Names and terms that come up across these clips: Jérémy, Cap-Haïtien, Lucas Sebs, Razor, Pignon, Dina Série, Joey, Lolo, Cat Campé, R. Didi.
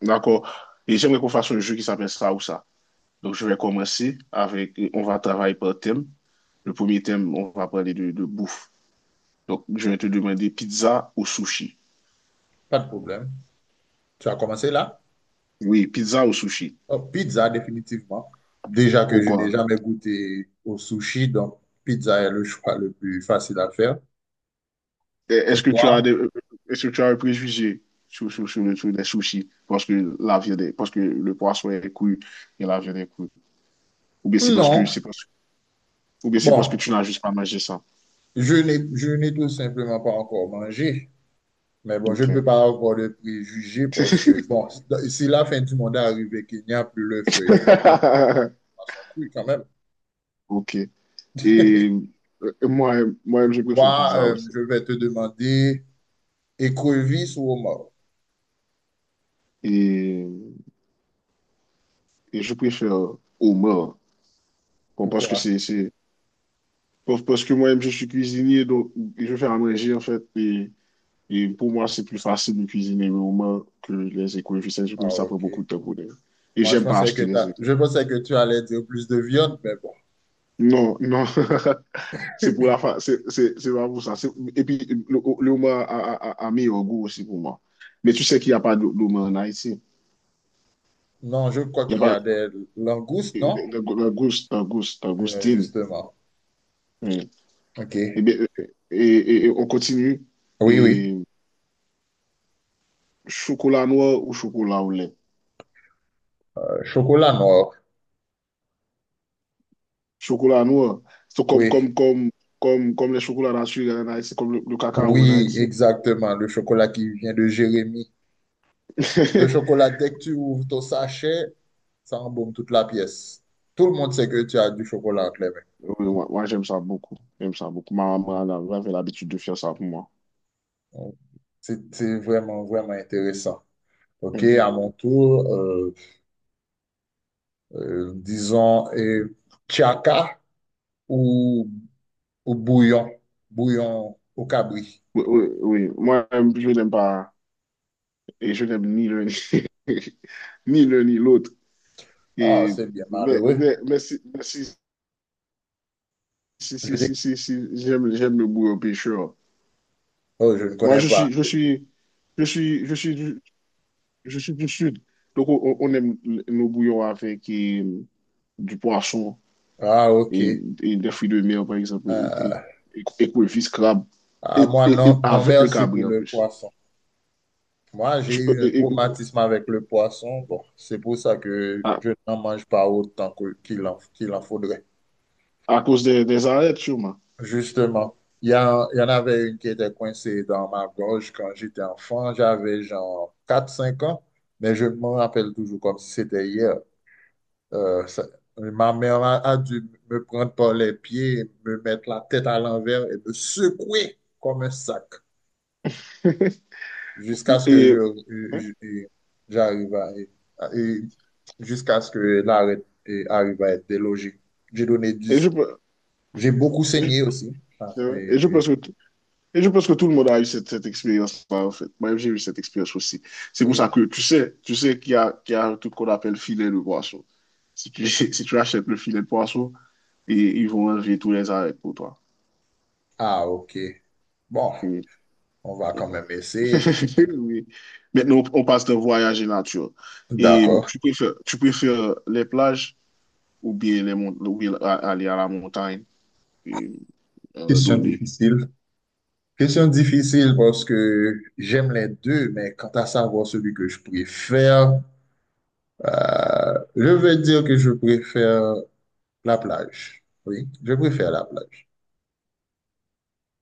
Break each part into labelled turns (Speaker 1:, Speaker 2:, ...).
Speaker 1: D'accord. Et j'aimerais qu'on fasse un jeu qui s'appelle ça ou ça. Donc, je vais commencer avec, on va travailler par thème. Le premier thème, on va parler de bouffe. Donc, je vais te demander pizza ou sushi.
Speaker 2: Pas de problème. Tu as commencé là?
Speaker 1: Oui, pizza ou sushi.
Speaker 2: Oh, pizza, définitivement. Déjà que je n'ai
Speaker 1: Pourquoi?
Speaker 2: jamais goûté au sushi, donc pizza est le choix le plus facile à faire.
Speaker 1: Et
Speaker 2: Et toi?
Speaker 1: Est-ce que tu as un préjugé sur les sushis? Parce que la viande est- parce que le poisson est cuit et la viande est cuite. Ou bien c'est parce que,
Speaker 2: Non.
Speaker 1: c'est parce, ou bien c'est parce que
Speaker 2: Bon,
Speaker 1: tu n'as juste pas mangé ça.
Speaker 2: je n'ai tout simplement pas encore mangé. Mais bon, je ne
Speaker 1: Ok.
Speaker 2: peux pas avoir de préjugés parce que, bon, si la fin du monde est arrivée, qu'il n'y a plus le feu, il va pas venir à son cru quand même.
Speaker 1: Ok. Et moi-même,
Speaker 2: Et
Speaker 1: moi-même, je préfère
Speaker 2: toi,
Speaker 1: pizza aussi.
Speaker 2: je vais te demander écrevisse ou homard.
Speaker 1: Et, et je préfère homard. Bon, parce que
Speaker 2: Pourquoi?
Speaker 1: c'est, parce parce que moi-même, je suis cuisinier, donc je fais à manger, en fait. Et pour moi, c'est plus facile de cuisiner le homard que les économistes. Je trouve
Speaker 2: Ah,
Speaker 1: que ça prend
Speaker 2: ok.
Speaker 1: beaucoup de temps pour les. Et
Speaker 2: Moi,
Speaker 1: j'aime pas acheter les
Speaker 2: je
Speaker 1: économistes.
Speaker 2: pensais que tu allais dire plus de viande, mais bon.
Speaker 1: Non, non. C'est pas pour ça. Et puis, le homard a meilleur goût aussi pour moi. Mais tu sais qu'il n'y a pas d'homard en Haïti.
Speaker 2: Non, je crois qu'il y a des langoustes, non?
Speaker 1: D'Augustine.
Speaker 2: Justement.
Speaker 1: Oui.
Speaker 2: OK.
Speaker 1: Bien, on continue.
Speaker 2: Oui, oui.
Speaker 1: Et chocolat noir ou chocolat au lait?
Speaker 2: Chocolat noir.
Speaker 1: Chocolat noir, c'est comme,
Speaker 2: Oui.
Speaker 1: comme, comme, comme, comme les chocolats naturels en Haïti, comme le cacao en
Speaker 2: Oui,
Speaker 1: Haïti.
Speaker 2: exactement. Le chocolat qui vient de Jérémy. Ce chocolat, dès que tu ouvres ton sachet, ça embaume toute la pièce. Tout le monde sait que tu as du chocolat entre les mains.
Speaker 1: Oui, moi, j'aime ça beaucoup. J'aime ça beaucoup. Ma maman elle avait l'habitude de faire ça pour moi.
Speaker 2: Donc, c'est vraiment, vraiment intéressant. OK, à
Speaker 1: Mhm.
Speaker 2: mon tour, disons, Chaka ou bouillon, bouillon au cabri.
Speaker 1: Oui, oui, oui. Moi, je n'aime pas, et je n'aime ni l'un ni ni l'un ni l'autre.
Speaker 2: Ah,
Speaker 1: Et,
Speaker 2: c'est bien malheureux.
Speaker 1: mais si, Si,
Speaker 2: Je
Speaker 1: si,
Speaker 2: dis,
Speaker 1: si, si, si j'aime le bourreau pêcheur.
Speaker 2: oh, je ne
Speaker 1: Moi,
Speaker 2: connais
Speaker 1: je
Speaker 2: pas.
Speaker 1: suis, je suis, je suis, je suis du sud. Donc, on aime nos bouillons avec du poisson
Speaker 2: Ah, ok.
Speaker 1: et, et des fruits de mer, par exemple, et,
Speaker 2: Euh,
Speaker 1: et, et écrevisses, crabes, et,
Speaker 2: moi,
Speaker 1: et, et
Speaker 2: non, non,
Speaker 1: avec le
Speaker 2: merci pour
Speaker 1: cabri en
Speaker 2: le
Speaker 1: plus.
Speaker 2: poisson. Moi, j'ai
Speaker 1: Tu-
Speaker 2: eu un
Speaker 1: et- et-
Speaker 2: traumatisme avec le poisson. Bon, c'est pour ça que
Speaker 1: à,
Speaker 2: je n'en mange pas qu'il en faudrait.
Speaker 1: à cause des arêtes, sûrement.
Speaker 2: Justement, il y en avait une qui était coincée dans ma gorge quand j'étais enfant. J'avais genre quatre cinq ans, mais je me rappelle toujours comme si c'était hier. Euh, ça- ma mère a dû me prendre par les pieds, me mettre la tête à l'envers et me secouer comme un sac jusqu'à ce que
Speaker 1: Et,
Speaker 2: j'arrive à- et jusqu'à ce que l'arrêt et arrive à être délogé. J'ai donné
Speaker 1: et je,
Speaker 2: 10.
Speaker 1: pe-
Speaker 2: J'ai beaucoup
Speaker 1: et
Speaker 2: saigné
Speaker 1: je
Speaker 2: aussi. Ah, et-
Speaker 1: et je
Speaker 2: et-
Speaker 1: pense que Et je pense que tout le monde a eu cette expérience-là, en fait. Moi, j'ai eu cette expérience aussi. C'est pour ça
Speaker 2: oui.
Speaker 1: que tu sais qu'il y a, tout ce qu'on appelle filet de poisson. Si tu, Si tu achètes le filet de poisson, et, ils vont enlever tous les arrêts pour toi.
Speaker 2: Ah, ok. Bon,
Speaker 1: Mm.
Speaker 2: on va quand même essayer.
Speaker 1: Oui. Maintenant, on passe de voyage et nature. Et
Speaker 2: D'accord.
Speaker 1: tu préfères les plages ou bien, les, mont- ou bien a- aller à la montagne et
Speaker 2: Question
Speaker 1: donner.
Speaker 2: difficile. Question difficile parce que j'aime les deux, mais quant à savoir celui que je préfère, je veux dire que je préfère la plage. Oui, je préfère la plage.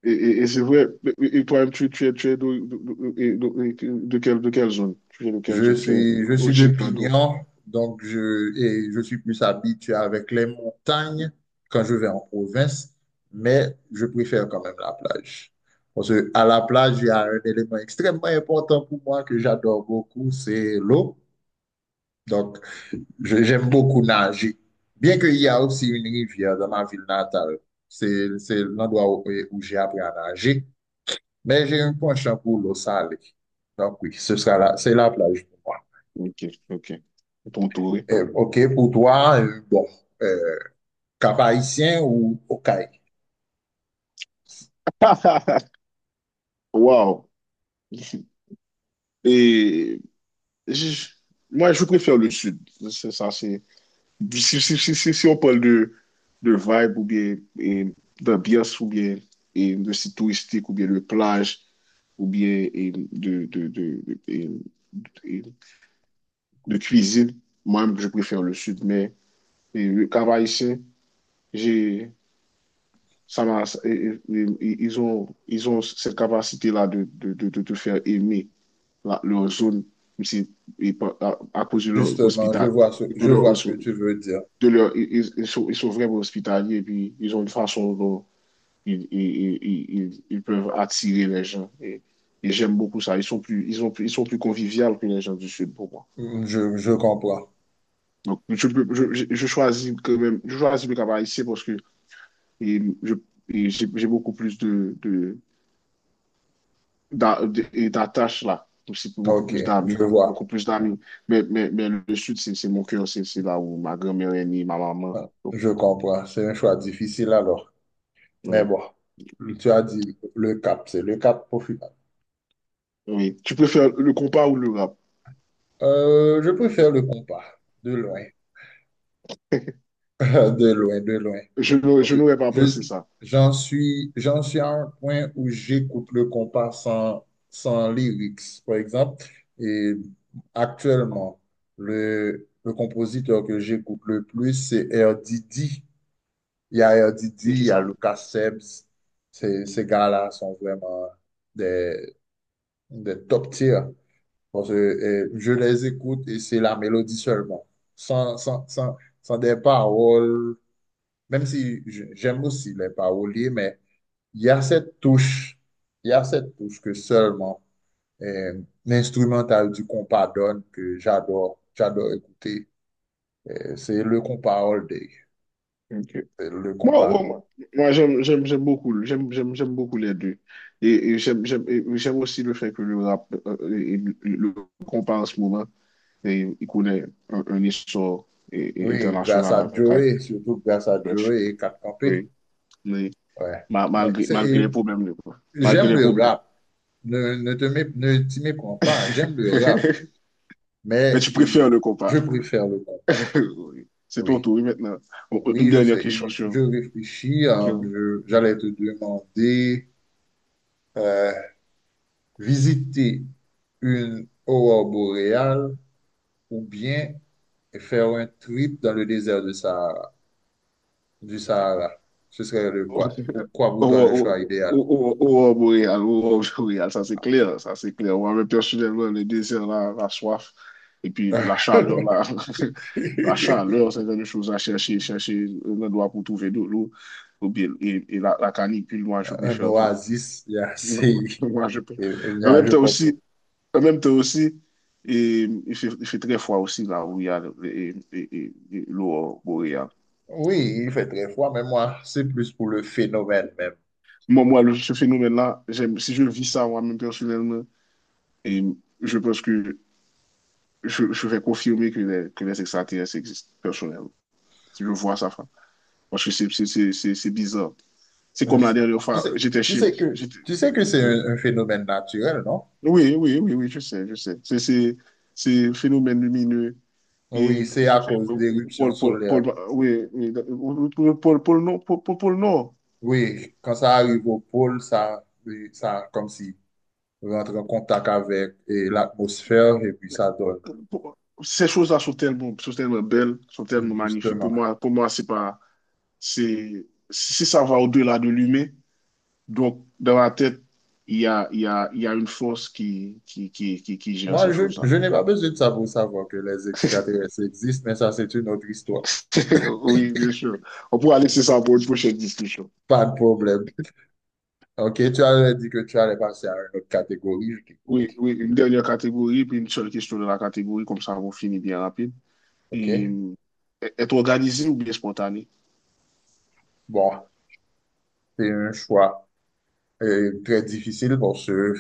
Speaker 1: Et c'est vrai, et toi-même, tu es, de quelle zone? Tu es de quelle zone? Tu es
Speaker 2: Je suis de
Speaker 1: originaire d'où?
Speaker 2: Pignon, donc je suis plus habitué avec les montagnes quand je vais en province, mais je préfère quand même la plage. Parce que à la plage, il y a un élément extrêmement important pour moi que j'adore beaucoup, c'est l'eau. Donc, j'aime beaucoup nager. Bien qu'il y a aussi une rivière dans ma ville natale, c'est l'endroit où, où j'ai appris à nager, mais j'ai un penchant pour l'eau salée. Donc oui, c'est la plage pour moi.
Speaker 1: Ok, ok. Ton tour.
Speaker 2: OK, pour toi, bon, euh, Cap-Haïtien ou Okaï?
Speaker 1: Wow. Et je- moi, je préfère le sud. C'est ça, c'est. Si on parle de vibe ou bien d'ambiance ou bien de site touristique ou bien de plage ou bien et de cuisine, moi-même, je préfère le sud. Mais le travail j'ai, ça m'a- ils ont cette capacité-là de te faire aimer leur zone, même si- et à cause de leur
Speaker 2: Justement,
Speaker 1: hospital,
Speaker 2: je vois ce que tu
Speaker 1: de
Speaker 2: veux dire.
Speaker 1: leur, ils- ils sont vraiment hospitaliers, et puis ils ont une façon dont ils peuvent attirer les gens. Et j'aime beaucoup ça. Ils sont plus conviviaux que les gens du Sud pour moi.
Speaker 2: Hmm, je je, comprends.
Speaker 1: Donc, je choisis quand même, je choisis le Cap-Haïtien parce que et je- j'ai beaucoup plus de, d'a- de- et d'attaches là, aussi pour beaucoup
Speaker 2: OK,
Speaker 1: plus
Speaker 2: je
Speaker 1: d'amis,
Speaker 2: vois.
Speaker 1: beaucoup plus d'amis. Mais le sud, c'est mon cœur, c'est là où ma grand-mère est née, ma maman.
Speaker 2: Ah,
Speaker 1: Donc,
Speaker 2: je comprends. C'est un choix difficile alors. Mais
Speaker 1: oui,
Speaker 2: bon, tu as dit le cap, c'est le cap profit.
Speaker 1: oui. Tu préfères le compas ou le rap?
Speaker 2: Je préfère le compas, de loin, de loin, de loin.
Speaker 1: Je, n'aurais-
Speaker 2: Parce
Speaker 1: je
Speaker 2: que
Speaker 1: n'aurais pas
Speaker 2: Je,
Speaker 1: pensé ça.
Speaker 2: j'en suis à un point où j'écoute le compas sans, sans lyrics, par exemple. Et actuellement, le compositeur que j'écoute le plus, c'est R. Didi. Il y a R. Didi,
Speaker 1: C'est
Speaker 2: il
Speaker 1: qui
Speaker 2: y a
Speaker 1: ça?
Speaker 2: Lucas Sebs. Ces gars-là sont vraiment des, des top tiers. Parce que je les écoute et c'est la mélodie seulement, sans des paroles, même si j'aime aussi les paroliers, mais il y a cette touche, il y a cette touche que seulement l'instrumental du compas donne que j'adore, j'adore écouter. C'est le compas all day,
Speaker 1: Ok.
Speaker 2: c'est le
Speaker 1: Moi,
Speaker 2: compas.
Speaker 1: moi, moi, moi, j'aime beaucoup les deux. Et j'aime aussi le fait que le rap, et le compas en ce moment, il connaît un iso
Speaker 2: Oui, grâce
Speaker 1: internasyonal
Speaker 2: à
Speaker 1: avè kaj
Speaker 2: Joey, surtout grâce à
Speaker 1: de
Speaker 2: Joey
Speaker 1: chini.
Speaker 2: et Cat
Speaker 1: Oui,
Speaker 2: Campé. Ouais. Mais
Speaker 1: malgré
Speaker 2: c'est,
Speaker 1: les problèmes. Malgré
Speaker 2: j'aime
Speaker 1: les
Speaker 2: le
Speaker 1: problèmes.
Speaker 2: rap. Ne, ne te mé- ne t'y méprends pas. J'aime le rap,
Speaker 1: Mais
Speaker 2: mais
Speaker 1: tu préfères
Speaker 2: et,
Speaker 1: le
Speaker 2: je
Speaker 1: compas.
Speaker 2: préfère le compas.
Speaker 1: C'est ton
Speaker 2: Oui,
Speaker 1: tour, oui, maintenant. Bon, une
Speaker 2: oui, je
Speaker 1: dernière
Speaker 2: sais.
Speaker 1: question
Speaker 2: Et
Speaker 1: sur,
Speaker 2: je réfléchis.
Speaker 1: sur,
Speaker 2: J'allais te demander euh, visiter une aurore boréale ou bien faire un trip dans le désert de Sahara, du Sahara. Ce serait le quoi? Pourquoi pour toi le choix idéal?
Speaker 1: Ou ob real, sa se kler, sa se kler. Ou anwen personelman, le dezer la, la soif, et puis la chaleur, la, la chaleur, c'est gen chose à chercher, chercher. Chèche un endroit pou touve de l'eau, ou bien, et la canicule, moi, je
Speaker 2: Un
Speaker 1: préfère, vra-
Speaker 2: oasis, il y a
Speaker 1: non,
Speaker 2: assez.
Speaker 1: moi, je peux. En même
Speaker 2: Je
Speaker 1: temps
Speaker 2: comprends.
Speaker 1: aussi, en même temps aussi, et, il fait très froid aussi, là, où il y a l'eau boréale.
Speaker 2: Oui, il fait très froid, mais moi, c'est plus pour le phénomène même.
Speaker 1: Moi, ce phénomène-là, j'aime, si je vis ça moi-même personnellement. Et je pense que je vais confirmer que les extraterrestres existent, personnellement. Si je vois ça, frère. Parce que c'est bizarre. C'est
Speaker 2: Euh,
Speaker 1: comme la dernière
Speaker 2: Tu
Speaker 1: fois,
Speaker 2: sais, tu sais que c'est
Speaker 1: Hmm?
Speaker 2: un phénomène naturel, non?
Speaker 1: Oui, oui, oui, oui, je sais. C'est un phénomène lumineux
Speaker 2: Oui,
Speaker 1: et qui
Speaker 2: c'est
Speaker 1: se
Speaker 2: à
Speaker 1: fait
Speaker 2: cause
Speaker 1: au- au
Speaker 2: d'éruptions
Speaker 1: pôle, pôle,
Speaker 2: solaires.
Speaker 1: pôle- Oui, oui. Au pôle nord, pôle nord.
Speaker 2: Oui, quand ça arrive au pôle, ça, oui, ça comme si rentre en contact avec et l'atmosphère et puis ça donne,
Speaker 1: Pour- Ces choses-là sont tellement, belles, sont tellement magnifiques. Pour
Speaker 2: justement.
Speaker 1: moi, pour moi, c'est pas, c'est, si ça va au-delà de l'humain. Donc, dans ma tête, il y a, il y a, il y a une force qui gère
Speaker 2: Moi,
Speaker 1: ces choses-là.
Speaker 2: je n'ai pas besoin de ça pour savoir que les extraterrestres existent, mais ça, c'est une autre histoire.
Speaker 1: Oui, bien sûr. On pourra laisser ça pour une prochaine discussion.
Speaker 2: Pas de problème. OK, tu avais dit que tu allais passer à une autre catégorie, je t'écoute.
Speaker 1: Oui, oui, une dernière catégorie, puis une seule question de la catégorie, comme ça, on finit bien rapide. Et,
Speaker 2: OK?
Speaker 1: euh, Être organisé ou bien spontané?
Speaker 2: Bon, C'est un choix très difficile parce que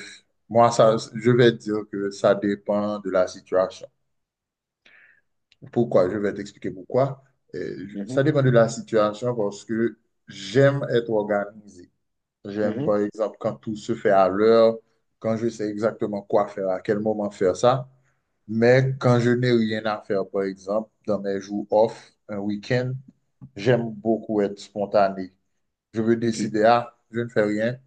Speaker 2: moi, ça, je vais dire que ça dépend de la situation. Pourquoi? Je vais t'expliquer pourquoi.
Speaker 1: Mhm,
Speaker 2: Ça dépend de la situation parce que j'aime être organisé. J'aime,
Speaker 1: mhm,
Speaker 2: par exemple, quand tout se fait à l'heure, quand je sais exactement quoi faire, à quel moment faire ça. Mais quand je n'ai rien à faire, par exemple, dans mes jours off, un week-end, j'aime beaucoup être spontané. Je veux
Speaker 1: ok.
Speaker 2: décider, ah, je ne fais rien.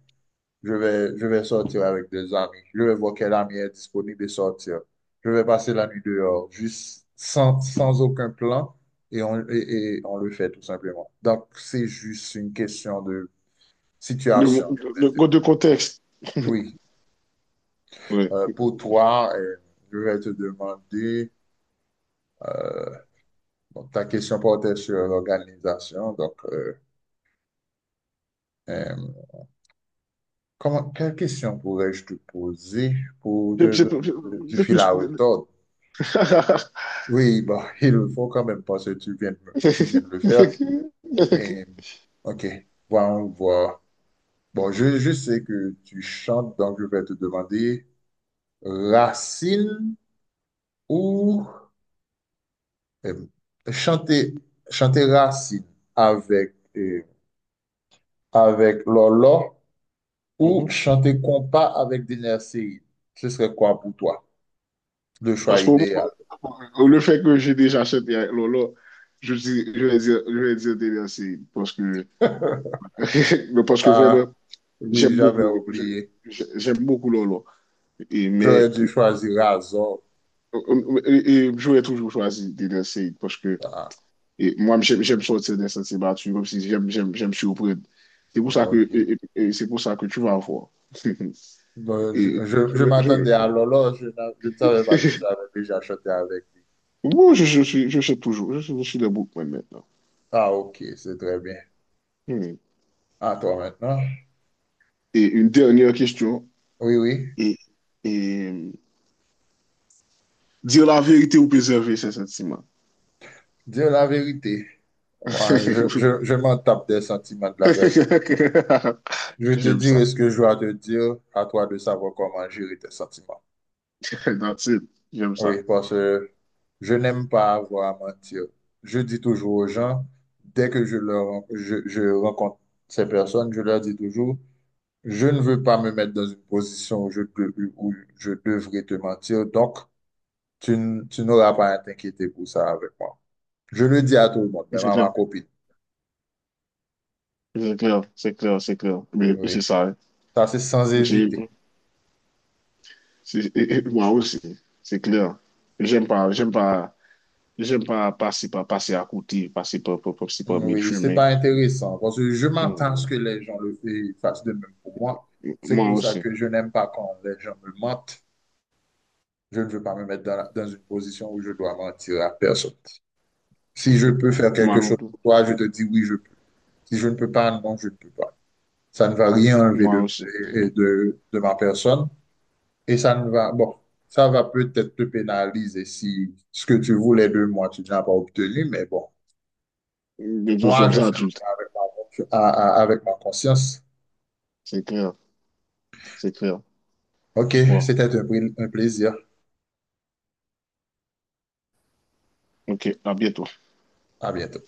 Speaker 2: Je vais sortir avec des amis. Je vais voir quel ami est disponible et sortir. Je vais passer la nuit dehors, juste sans, sans aucun plan, et on le fait tout simplement. Donc, c'est juste une question de situation.
Speaker 1: De contexte,
Speaker 2: Oui,
Speaker 1: ouais.
Speaker 2: Pour toi, je vais te demander, euh, bon, ta question portait sur l'organisation. Donc, euh, quelle question pourrais-je te poser pour te
Speaker 1: C'est c'est-
Speaker 2: donner du
Speaker 1: c'est
Speaker 2: fil à
Speaker 1: plus.
Speaker 2: retordre? Oui, bah, il le faut quand même parce que tu viens de le faire. Et, ok, bon, on voit. Bon, je sais que tu chantes, donc je vais te demander Racine ou euh, chanter, chanter Racine avec, avec Lolo ou
Speaker 1: Mhm.
Speaker 2: chanter compas avec Dina Série. Ce serait quoi pour toi? Le choix
Speaker 1: Parce que
Speaker 2: idéal.
Speaker 1: le fait que j'ai déjà acheté avec Lolo, je vais dire des merci parce que. Mais parce que vraiment,
Speaker 2: Ah, oui,
Speaker 1: j'aime
Speaker 2: j'avais
Speaker 1: beaucoup, je-
Speaker 2: oublié.
Speaker 1: j'aime beaucoup Lolo. Et,
Speaker 2: J'aurais
Speaker 1: mais
Speaker 2: dû choisir Razor.
Speaker 1: et j'aurais toujours choisi des merci parce que
Speaker 2: Ah,
Speaker 1: moi, j'aime, j'aime sortir des sentiers battus, comme si j'aime surprendre. C'est pour ça que,
Speaker 2: ok.
Speaker 1: et- et- c'est pour ça que tu vas voir.
Speaker 2: Bon,
Speaker 1: Et je,
Speaker 2: je
Speaker 1: vais- je,
Speaker 2: m'attendais à Lolo, je ne savais pas que tu avais déjà chanté avec lui.
Speaker 1: bon, je suis toujours, je suis debout maintenant.
Speaker 2: Ah, ok, c'est très bien.
Speaker 1: Hmm.
Speaker 2: À toi maintenant.
Speaker 1: Et une dernière question.
Speaker 2: Oui, oui,
Speaker 1: et, et dire la vérité ou préserver ses sentiments?
Speaker 2: dire la vérité. Ouais, je m'en tape des sentiments de la personne. Je te
Speaker 1: J'aime ça.
Speaker 2: dirai ce que je dois te dire, à toi de savoir comment gérer tes sentiments.
Speaker 1: That's J'aime
Speaker 2: Oui,
Speaker 1: ça.
Speaker 2: parce que je n'aime pas avoir à mentir. Je dis toujours aux gens, dès que je rencontre ces personnes, je leur dis toujours, Je ne veux pas me mettre dans une position où où je devrais te mentir, donc tu n'auras pas à t'inquiéter pour ça avec moi. Je le dis à tout le monde, même
Speaker 1: C'est
Speaker 2: à ma
Speaker 1: clair.
Speaker 2: copine.
Speaker 1: C'est clair. C'est clair. C'est clair. Mais
Speaker 2: Oui,
Speaker 1: c'est ça, hein.
Speaker 2: ça c'est sans
Speaker 1: J'ai-
Speaker 2: hésiter.
Speaker 1: c'est- Moi aussi. C'est clair. J'aime pas. J'aime pas. J'aime pas passer, passer à côté, passer par mille
Speaker 2: Oui, c'est
Speaker 1: chemins.
Speaker 2: pas intéressant parce que je m'attends à ce
Speaker 1: Mm.
Speaker 2: que les gens fassent de même pour moi. C'est
Speaker 1: Moi
Speaker 2: pour ça
Speaker 1: aussi.
Speaker 2: que je n'aime pas quand les gens me mentent. Je ne veux pas me mettre dans une position où je dois mentir à personne. Si je peux faire
Speaker 1: Moi
Speaker 2: quelque
Speaker 1: non
Speaker 2: chose
Speaker 1: plus.
Speaker 2: pour toi, je te dis oui, je peux. Si je ne peux pas, non, je ne peux pas. Ça ne va rien enlever
Speaker 1: Moi
Speaker 2: de,
Speaker 1: aussi.
Speaker 2: et- de, de ma personne. Et ça ne va, bon, ça va peut-être te pénaliser si ce que tu voulais de moi, tu ne l'as pas obtenu, mais bon,
Speaker 1: Nous
Speaker 2: moi,
Speaker 1: sommes
Speaker 2: je fais
Speaker 1: adultes.
Speaker 2: avec ma, confi- à- avec ma conscience.
Speaker 1: C'est clair. C'est clair.
Speaker 2: OK,
Speaker 1: Bon.
Speaker 2: un plaisir.
Speaker 1: OK. À bientôt.
Speaker 2: À bientôt.